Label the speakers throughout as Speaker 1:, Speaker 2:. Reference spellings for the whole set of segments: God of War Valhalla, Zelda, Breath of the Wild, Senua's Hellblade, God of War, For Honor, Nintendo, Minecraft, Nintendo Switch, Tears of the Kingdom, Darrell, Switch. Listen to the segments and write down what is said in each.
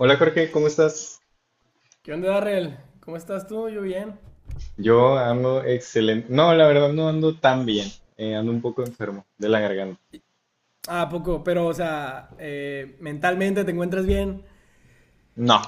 Speaker 1: Hola Jorge, ¿cómo estás?
Speaker 2: ¿Qué onda, Darrell? ¿Cómo estás tú? Yo bien.
Speaker 1: Yo ando excelente. No, la verdad no ando tan bien. Ando un poco enfermo de la garganta.
Speaker 2: Ah, poco, pero, o sea, mentalmente te encuentras bien.
Speaker 1: No,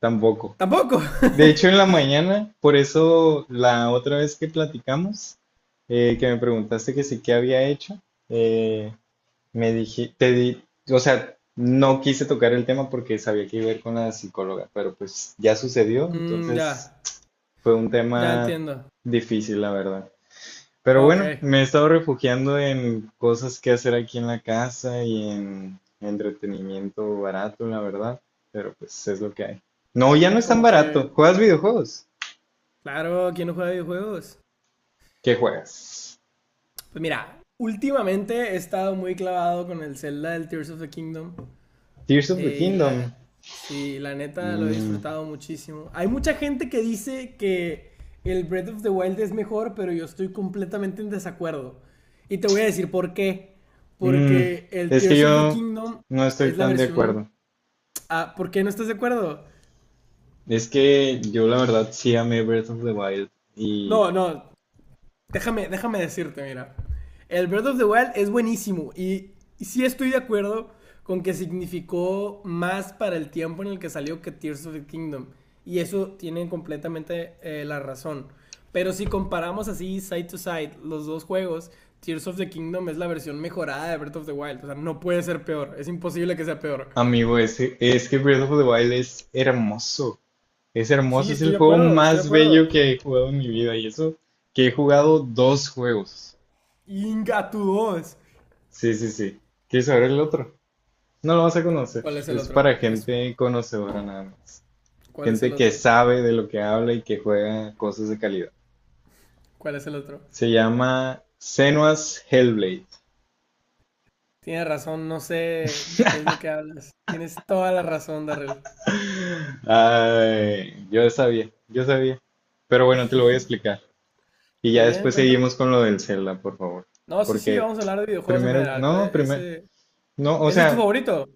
Speaker 1: tampoco.
Speaker 2: Tampoco.
Speaker 1: De hecho, en la mañana, por eso la otra vez que platicamos, que me preguntaste que sí que había hecho, eh, me dije, te di, o sea, no quise tocar el tema porque sabía que iba a ir con la psicóloga, pero pues ya sucedió,
Speaker 2: Mm, ya,
Speaker 1: entonces fue un
Speaker 2: ya
Speaker 1: tema
Speaker 2: entiendo.
Speaker 1: difícil, la verdad. Pero
Speaker 2: Ok,
Speaker 1: bueno, me he estado refugiando en cosas que hacer aquí en la casa y en entretenimiento barato, la verdad. Pero pues es lo que hay. No, ya no es tan
Speaker 2: como que,
Speaker 1: barato. ¿Juegas videojuegos?
Speaker 2: claro, ¿quién no juega videojuegos?
Speaker 1: ¿Qué juegas?
Speaker 2: Pues mira, últimamente he estado muy clavado con el Zelda del Tears of the Kingdom.
Speaker 1: Tears of the
Speaker 2: Eh, y la,
Speaker 1: Kingdom.
Speaker 2: sí, la neta lo he
Speaker 1: Mm,
Speaker 2: disfrutado muchísimo. Hay mucha gente que dice que el Breath of the Wild es mejor, pero yo estoy completamente en desacuerdo. Y te voy a decir por qué.
Speaker 1: mm,
Speaker 2: Porque el
Speaker 1: Es que
Speaker 2: Tears of the
Speaker 1: yo
Speaker 2: Kingdom
Speaker 1: no estoy
Speaker 2: es la
Speaker 1: tan de
Speaker 2: versión...
Speaker 1: acuerdo.
Speaker 2: Ah, ¿por qué no estás de acuerdo?
Speaker 1: Es que yo la verdad sí amé Breath of the Wild. Y
Speaker 2: No, no, déjame decirte, mira. El Breath of the Wild es buenísimo y sí estoy de acuerdo con que significó más para el tiempo en el que salió que Tears of the Kingdom. Y eso tienen completamente la razón. Pero si comparamos así side to side los dos juegos, Tears of the Kingdom es la versión mejorada de Breath of the Wild. O sea, no puede ser peor. Es imposible que sea peor.
Speaker 1: amigo, es que Breath of the Wild es hermoso. Es
Speaker 2: Sí,
Speaker 1: hermoso, es
Speaker 2: estoy
Speaker 1: el
Speaker 2: de
Speaker 1: juego
Speaker 2: acuerdo, estoy de
Speaker 1: más
Speaker 2: acuerdo.
Speaker 1: bello que he jugado en mi vida y eso que he jugado dos juegos.
Speaker 2: Inga, tu dos.
Speaker 1: Sí, sí, sí. ¿Quieres saber el otro? No lo vas a conocer.
Speaker 2: ¿Cuál es el
Speaker 1: Es
Speaker 2: otro?
Speaker 1: para
Speaker 2: Eso.
Speaker 1: gente conocedora nada más.
Speaker 2: ¿Cuál es el
Speaker 1: Gente que
Speaker 2: otro?
Speaker 1: sabe de lo que habla y que juega cosas de calidad.
Speaker 2: ¿Cuál es el otro?
Speaker 1: Se llama Senua's Hellblade.
Speaker 2: Tienes razón, no sé de qué es lo que hablas. Tienes toda la razón, Darrell.
Speaker 1: Ay, yo sabía, yo sabía. Pero bueno, te lo voy a explicar. Y
Speaker 2: Muy
Speaker 1: ya
Speaker 2: bien,
Speaker 1: después
Speaker 2: cuéntame.
Speaker 1: seguimos con lo del Zelda, por favor.
Speaker 2: No, sí, sí,
Speaker 1: Porque
Speaker 2: vamos a hablar de videojuegos en general. ¿Cuál es
Speaker 1: primero,
Speaker 2: ese?
Speaker 1: no, o
Speaker 2: ¿Ese es tu
Speaker 1: sea,
Speaker 2: favorito?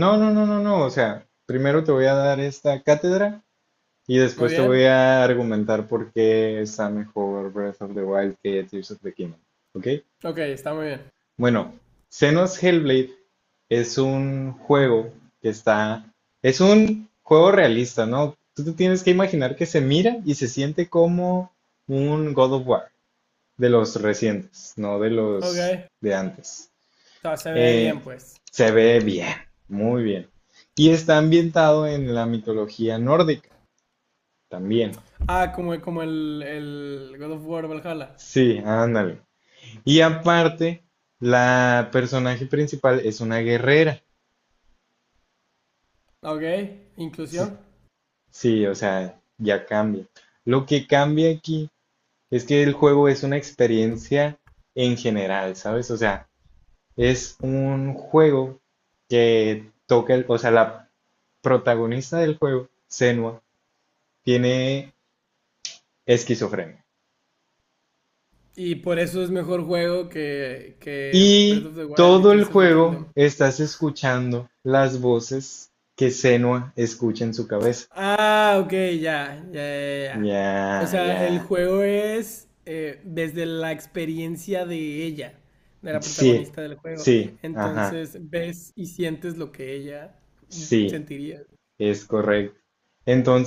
Speaker 1: no, no, no, no, no. O sea, primero te voy a dar esta cátedra y
Speaker 2: Muy
Speaker 1: después te voy
Speaker 2: bien.
Speaker 1: a argumentar por qué está mejor Breath of the Wild que Tears of the Kingdom. ¿Ok?
Speaker 2: Ok, está muy bien.
Speaker 1: Bueno, Xenos Hellblade es un juego que está. Es un juego realista, ¿no? Tú te tienes que imaginar que se mira y se siente como un God of War de los recientes, no de los
Speaker 2: Ok.
Speaker 1: de antes.
Speaker 2: O sea, se ve
Speaker 1: Eh,
Speaker 2: bien, pues.
Speaker 1: Se ve bien, muy bien. Y está ambientado en la mitología nórdica, también.
Speaker 2: Ah, como, como el God of War Valhalla.
Speaker 1: Sí, ándale. Y aparte, la personaje principal es una guerrera.
Speaker 2: Ok,
Speaker 1: Sí,
Speaker 2: inclusión.
Speaker 1: sí, o sea, ya cambia. Lo que cambia aquí es que el juego es una experiencia en general, ¿sabes? O sea, es un juego que toca el, o sea, la protagonista del juego, Senua, tiene esquizofrenia.
Speaker 2: Y por eso es mejor juego que Breath
Speaker 1: Y
Speaker 2: of the Wild y
Speaker 1: todo el
Speaker 2: Tears of the
Speaker 1: juego
Speaker 2: Kingdom.
Speaker 1: estás escuchando las voces que Senua escucha en su cabeza.
Speaker 2: Ah, ok, ya, ya, ya, ya. O
Speaker 1: Ya,
Speaker 2: sea, el
Speaker 1: ya.
Speaker 2: juego es desde la experiencia de ella, de la
Speaker 1: Sí,
Speaker 2: protagonista del juego.
Speaker 1: sí, ajá,
Speaker 2: Entonces ves y sientes lo que ella
Speaker 1: sí,
Speaker 2: sentiría.
Speaker 1: es correcto.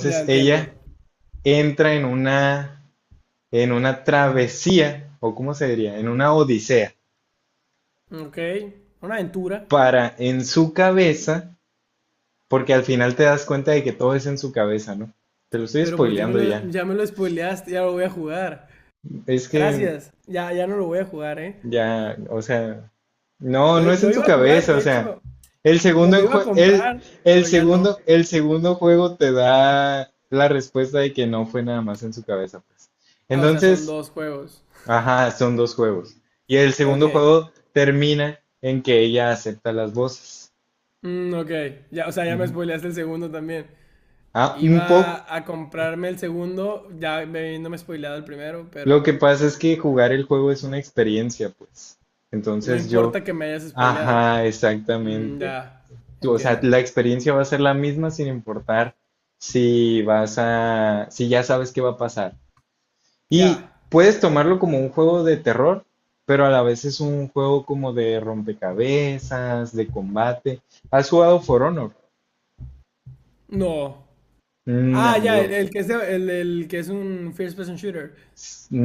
Speaker 2: Ya entiendo.
Speaker 1: ella entra en una travesía, o cómo se diría, en una odisea,
Speaker 2: Ok, una aventura.
Speaker 1: para en su cabeza, porque al final te das cuenta de que todo es en su cabeza, ¿no? Te lo estoy
Speaker 2: Pero ¿por qué me
Speaker 1: spoileando
Speaker 2: lo,
Speaker 1: ya.
Speaker 2: ya me lo spoileaste? Ya lo voy a jugar.
Speaker 1: Es que
Speaker 2: Gracias. Ya, ya no lo voy a jugar, ¿eh?
Speaker 1: ya, o sea, no,
Speaker 2: Lo,
Speaker 1: no es
Speaker 2: lo
Speaker 1: en su
Speaker 2: iba a jugar,
Speaker 1: cabeza, o
Speaker 2: de
Speaker 1: sea,
Speaker 2: hecho,
Speaker 1: el
Speaker 2: me
Speaker 1: segundo,
Speaker 2: lo iba a
Speaker 1: enjue- el,
Speaker 2: comprar, pero ya no.
Speaker 1: el segundo juego te da la respuesta de que no fue nada más en su cabeza, pues.
Speaker 2: Ah, o sea, son
Speaker 1: Entonces,
Speaker 2: dos juegos.
Speaker 1: ajá, son dos juegos. Y el segundo
Speaker 2: Ok.
Speaker 1: juego termina en que ella acepta las voces.
Speaker 2: Mm, ok, ya, o sea, ya me
Speaker 1: Ujú.
Speaker 2: spoileaste el segundo también.
Speaker 1: Ah, un poco.
Speaker 2: Iba a comprarme el segundo, ya me- no me he spoileado el primero,
Speaker 1: Lo
Speaker 2: pero
Speaker 1: que pasa es que jugar el juego es
Speaker 2: ujú.
Speaker 1: una experiencia, pues.
Speaker 2: No
Speaker 1: Entonces yo,
Speaker 2: importa que me hayas spoileado.
Speaker 1: ajá,
Speaker 2: Mm,
Speaker 1: exactamente.
Speaker 2: ya,
Speaker 1: Tú, o sea,
Speaker 2: entiendo.
Speaker 1: la experiencia va a ser la misma sin importar si vas a, si ya sabes qué va a pasar. Y
Speaker 2: Ya,
Speaker 1: puedes tomarlo como un juego de terror, pero a la vez es un juego como de rompecabezas, de combate. ¿Has jugado For Honor?
Speaker 2: no.
Speaker 1: Mm,
Speaker 2: Ah, ya,
Speaker 1: amigo,
Speaker 2: el que es de- el que es un first person shooter.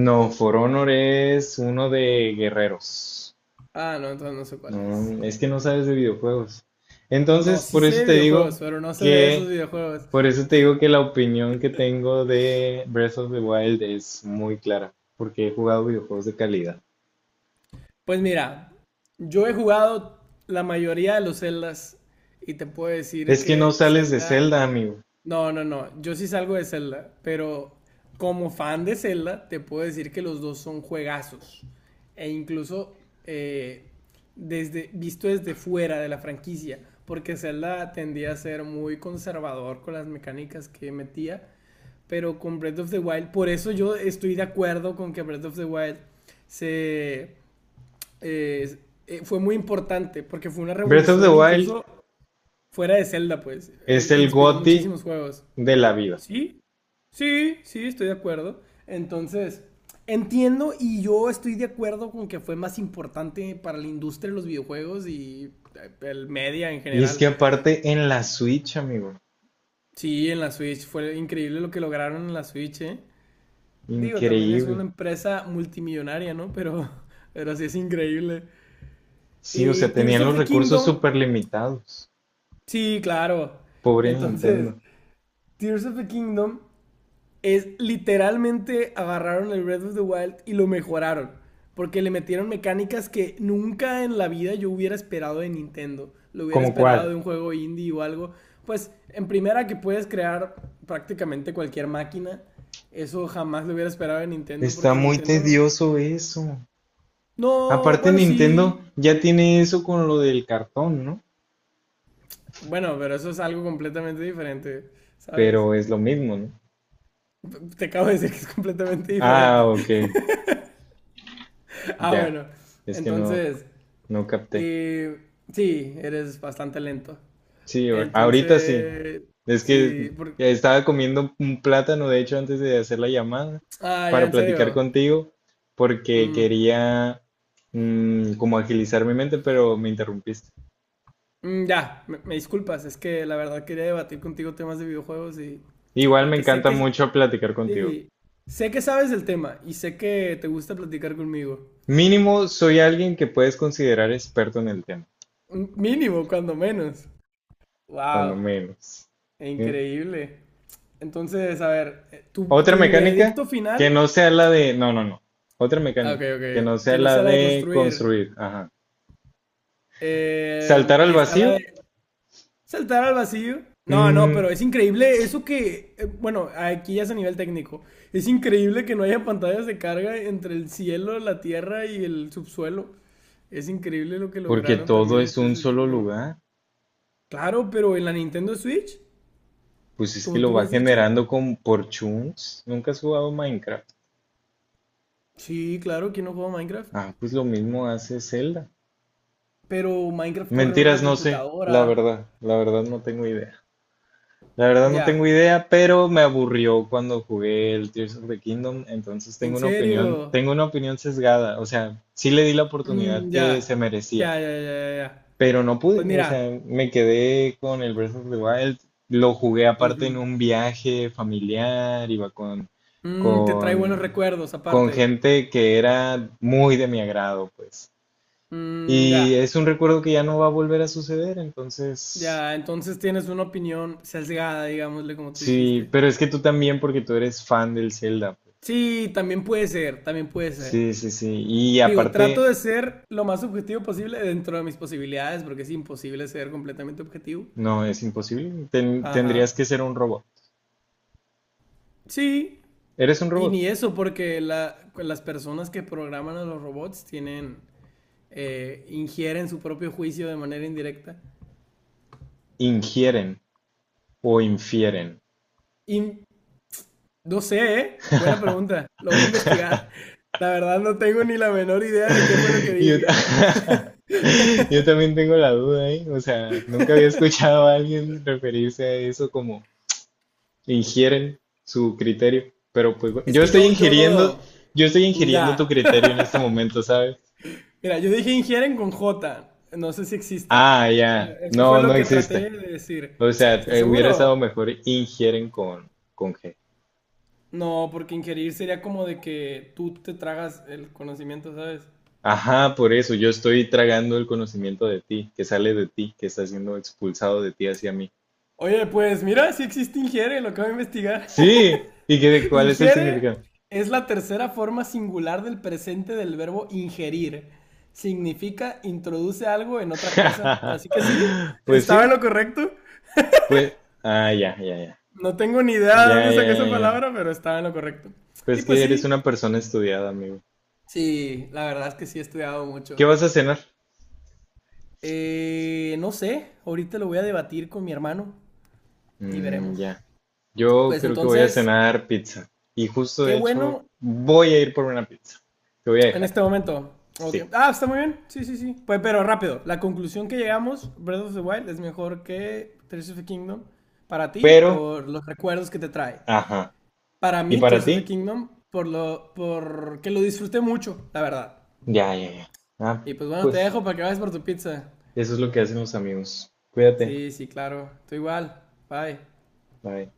Speaker 1: no, For Honor es uno de guerreros.
Speaker 2: Ah, no, entonces no sé cuál es.
Speaker 1: Mm, es que no sabes de videojuegos.
Speaker 2: No,
Speaker 1: Entonces,
Speaker 2: sí
Speaker 1: por
Speaker 2: sé
Speaker 1: eso
Speaker 2: de
Speaker 1: te
Speaker 2: videojuegos,
Speaker 1: digo
Speaker 2: pero no sé de esos
Speaker 1: que
Speaker 2: videojuegos.
Speaker 1: por eso te digo que la opinión que tengo de Breath of the Wild es muy clara, porque he jugado videojuegos de calidad.
Speaker 2: Pues mira, yo he jugado la mayoría de los Zeldas y te puedo decir
Speaker 1: Es que no
Speaker 2: que
Speaker 1: sales de
Speaker 2: Zelda
Speaker 1: Zelda, amigo.
Speaker 2: no, no, no. Yo sí salgo de Zelda, pero como fan de Zelda, te puedo decir que los dos son juegazos. E incluso eh, desde, visto desde fuera de la franquicia, porque Zelda tendía a ser muy conservador con las mecánicas que metía, pero con Breath of the Wild, por eso yo estoy de acuerdo con que Breath of the Wild se, eh, fue muy importante, porque fue una
Speaker 1: Breath of the
Speaker 2: revolución
Speaker 1: Wild
Speaker 2: incluso fuera de Zelda, pues,
Speaker 1: es el
Speaker 2: inspiró
Speaker 1: GOTY
Speaker 2: muchísimos juegos.
Speaker 1: de la vida.
Speaker 2: Sí, sí, sí, estoy de acuerdo. Entonces, entiendo y yo estoy de acuerdo con que fue más importante para la industria de los videojuegos y el media en
Speaker 1: Y es que
Speaker 2: general.
Speaker 1: aparte en la Switch, amigo,
Speaker 2: Sí, en la Switch fue increíble lo que lograron en la Switch, ¿eh? Digo, también es una
Speaker 1: increíble.
Speaker 2: empresa multimillonaria, ¿no? Pero, pero sí es increíble.
Speaker 1: Sí, o
Speaker 2: Y
Speaker 1: sea,
Speaker 2: Tears
Speaker 1: tenían
Speaker 2: of
Speaker 1: los
Speaker 2: the
Speaker 1: recursos
Speaker 2: Kingdom,
Speaker 1: súper limitados.
Speaker 2: sí, claro.
Speaker 1: Pobre
Speaker 2: Entonces,
Speaker 1: Nintendo.
Speaker 2: Tears of the Kingdom es literalmente agarraron el Breath of the Wild y lo mejoraron. Porque le metieron mecánicas que nunca en la vida yo hubiera esperado de Nintendo. Lo hubiera
Speaker 1: ¿Como
Speaker 2: esperado de
Speaker 1: cuál?
Speaker 2: un juego indie o algo. Pues en primera que puedes crear prácticamente cualquier máquina. Eso jamás lo hubiera esperado de Nintendo
Speaker 1: Está
Speaker 2: porque
Speaker 1: muy
Speaker 2: Nintendo...
Speaker 1: tedioso eso.
Speaker 2: No,
Speaker 1: Aparte
Speaker 2: bueno,
Speaker 1: Nintendo
Speaker 2: sí.
Speaker 1: ya tiene eso con lo del cartón, ¿no?
Speaker 2: Bueno, pero eso es algo completamente diferente, ¿sabes?
Speaker 1: Pero es lo mismo, ¿no?
Speaker 2: Te acabo de decir que es completamente
Speaker 1: Ah,
Speaker 2: diferente.
Speaker 1: ok,
Speaker 2: ah,
Speaker 1: ya.
Speaker 2: bueno.
Speaker 1: Es que no,
Speaker 2: Entonces,
Speaker 1: no capté.
Speaker 2: y sí, eres bastante lento.
Speaker 1: Sí, ahorita sí.
Speaker 2: Entonces,
Speaker 1: Es que
Speaker 2: sí, por-
Speaker 1: estaba comiendo un plátano, de hecho, antes de hacer la llamada
Speaker 2: Ah, ya,
Speaker 1: para
Speaker 2: en
Speaker 1: platicar
Speaker 2: serio.
Speaker 1: contigo, porque
Speaker 2: Mm,
Speaker 1: quería como agilizar mi mente, pero me interrumpiste.
Speaker 2: ya, me disculpas, es que la verdad quería debatir contigo temas de videojuegos y...
Speaker 1: Igual me
Speaker 2: Porque sé
Speaker 1: encanta
Speaker 2: que...
Speaker 1: mucho platicar contigo.
Speaker 2: Sí, sé que sabes del tema y sé que te gusta platicar conmigo.
Speaker 1: Mínimo, soy alguien que puedes considerar experto en el tema,
Speaker 2: Un Mínimo, cuando menos. Wow,
Speaker 1: cuando menos. ¿Sí?
Speaker 2: increíble. Entonces, a ver, tu,
Speaker 1: Otra
Speaker 2: tu veredicto
Speaker 1: mecánica que
Speaker 2: final...
Speaker 1: no sea la de... No, no, no. Otra
Speaker 2: Ah, Ok,
Speaker 1: mecánica que no
Speaker 2: ok,
Speaker 1: sea
Speaker 2: que no
Speaker 1: la
Speaker 2: sea la de
Speaker 1: de
Speaker 2: construir.
Speaker 1: construir. Ajá. Saltar al
Speaker 2: Está la
Speaker 1: vacío.
Speaker 2: de saltar al vacío. No, no,
Speaker 1: Mm,
Speaker 2: pero es increíble eso que, bueno, aquí ya es a nivel técnico. Es increíble que no haya pantallas de carga entre el cielo, la tierra y el subsuelo. Es increíble lo que
Speaker 1: porque
Speaker 2: lograron
Speaker 1: todo
Speaker 2: también en
Speaker 1: es un
Speaker 2: Tears of
Speaker 1: solo
Speaker 2: Kingdom.
Speaker 1: lugar.
Speaker 2: Claro, pero en la Nintendo Switch,
Speaker 1: Pues es que
Speaker 2: como
Speaker 1: lo
Speaker 2: tú lo
Speaker 1: va
Speaker 2: has dicho,
Speaker 1: generando por chunks. ¿Nunca has jugado Minecraft?
Speaker 2: sí, claro, ¿quién no juega Minecraft?
Speaker 1: Ah, pues lo mismo hace Zelda.
Speaker 2: Pero Minecraft corre en
Speaker 1: Mentiras,
Speaker 2: una
Speaker 1: no sé.
Speaker 2: computadora.
Speaker 1: La verdad no tengo idea. La verdad no tengo
Speaker 2: Ya,
Speaker 1: idea, pero me aburrió cuando jugué el Tears of the Kingdom, entonces
Speaker 2: en serio.
Speaker 1: tengo una opinión sesgada, o sea, sí le di la oportunidad
Speaker 2: Mm, ya,
Speaker 1: que se
Speaker 2: ya,
Speaker 1: merecía,
Speaker 2: ya, ya, ya, ya.
Speaker 1: pero no
Speaker 2: Pues
Speaker 1: pude, o
Speaker 2: mira,
Speaker 1: sea, me quedé con el Breath of the Wild, lo jugué aparte en
Speaker 2: ujú.
Speaker 1: un viaje familiar, iba con
Speaker 2: Mm, te trae buenos
Speaker 1: con
Speaker 2: recuerdos,
Speaker 1: con
Speaker 2: aparte.
Speaker 1: gente que era muy de mi agrado, pues.
Speaker 2: Mm,
Speaker 1: Y
Speaker 2: ya,
Speaker 1: es un recuerdo que ya no va a volver a suceder, entonces
Speaker 2: ya, entonces tienes una opinión sesgada, digámosle, como tú
Speaker 1: sí,
Speaker 2: dijiste.
Speaker 1: pero es que tú también, porque tú eres fan del Zelda, pues.
Speaker 2: Sí, también puede ser, también puede ser.
Speaker 1: Sí, sí, sí. Y
Speaker 2: Digo, trato
Speaker 1: aparte,
Speaker 2: de ser lo más objetivo posible dentro de mis posibilidades, porque es imposible ser completamente objetivo.
Speaker 1: no, es imposible. Tendrías
Speaker 2: Ajá.
Speaker 1: que ser un robot.
Speaker 2: Sí,
Speaker 1: ¿Eres un
Speaker 2: y
Speaker 1: robot?
Speaker 2: ni eso, porque la- las personas que programan a los robots tienen, ingieren su propio juicio de manera indirecta.
Speaker 1: Ingieren o infieren.
Speaker 2: Y no sé, ¿eh? Buena pregunta. Lo voy a investigar. La verdad no tengo ni la menor idea de qué fue lo que
Speaker 1: Yo,
Speaker 2: dije.
Speaker 1: ta- yo también tengo la duda, ¿eh? O sea, nunca había escuchado a alguien referirse a eso como ingieren su criterio. Pero pues bueno,
Speaker 2: Es que yo lo...
Speaker 1: yo estoy
Speaker 2: mm,
Speaker 1: ingiriendo tu
Speaker 2: ya.
Speaker 1: criterio en este momento, ¿sabes?
Speaker 2: Mira, yo dije ingieren con J. No sé si exista.
Speaker 1: Ah,
Speaker 2: Pero
Speaker 1: ya.
Speaker 2: eso fue
Speaker 1: No, no
Speaker 2: lo que
Speaker 1: existe.
Speaker 2: traté de decir.
Speaker 1: O sea,
Speaker 2: ¿Estás
Speaker 1: hubiera estado
Speaker 2: seguro?
Speaker 1: mejor ingieren con G.
Speaker 2: No, porque ingerir sería como de que tú te tragas el conocimiento, ¿sabes?
Speaker 1: Ajá, por eso yo estoy tragando el conocimiento de ti, que sale de ti, que está siendo expulsado de ti hacia mí.
Speaker 2: Oye, pues mira, si existe ingiere, lo acabo de investigar.
Speaker 1: Sí, ¿y qué, cuál es el
Speaker 2: Ingiere
Speaker 1: significado?
Speaker 2: es la tercera forma singular del presente del verbo ingerir. Significa introduce algo en otra cosa. Así que sí,
Speaker 1: Pues
Speaker 2: estaba en
Speaker 1: sí,
Speaker 2: lo correcto.
Speaker 1: pues, ah, ya, ya, ya,
Speaker 2: No tengo ni idea de
Speaker 1: ya,
Speaker 2: dónde saqué
Speaker 1: ya,
Speaker 2: esa
Speaker 1: ya.
Speaker 2: palabra, pero estaba en lo correcto. Y
Speaker 1: Pues
Speaker 2: pues
Speaker 1: que eres
Speaker 2: sí,
Speaker 1: una persona estudiada, amigo.
Speaker 2: sí, la verdad es que sí he estudiado
Speaker 1: ¿Qué
Speaker 2: mucho.
Speaker 1: vas a cenar?
Speaker 2: No sé, ahorita lo voy a debatir con mi hermano y
Speaker 1: Mm,
Speaker 2: veremos.
Speaker 1: ya, yo
Speaker 2: Pues
Speaker 1: creo que voy a
Speaker 2: entonces,
Speaker 1: cenar pizza. Y justo
Speaker 2: qué
Speaker 1: de hecho,
Speaker 2: bueno
Speaker 1: voy a ir por una pizza. Te voy a
Speaker 2: en
Speaker 1: dejar,
Speaker 2: este momento. Ok.
Speaker 1: sí.
Speaker 2: Ah, está muy bien. Sí, sí, sí. Pues, pero rápido. La conclusión que llegamos, Breath of the Wild es mejor que Tears of the Kingdom para ti
Speaker 1: Pero
Speaker 2: por los recuerdos que te trae.
Speaker 1: ajá.
Speaker 2: Para
Speaker 1: ¿Y
Speaker 2: mí,
Speaker 1: para
Speaker 2: Tears of the
Speaker 1: ti?
Speaker 2: Kingdom, por lo, por que lo disfruté mucho, la verdad.
Speaker 1: Ya, ya, ya. Ah,
Speaker 2: Y pues bueno, te
Speaker 1: pues
Speaker 2: dejo para que vayas por tu pizza.
Speaker 1: eso es lo que hacen los amigos. Cuídate.
Speaker 2: Sí, sí, claro. Tú igual. Bye.
Speaker 1: Bye.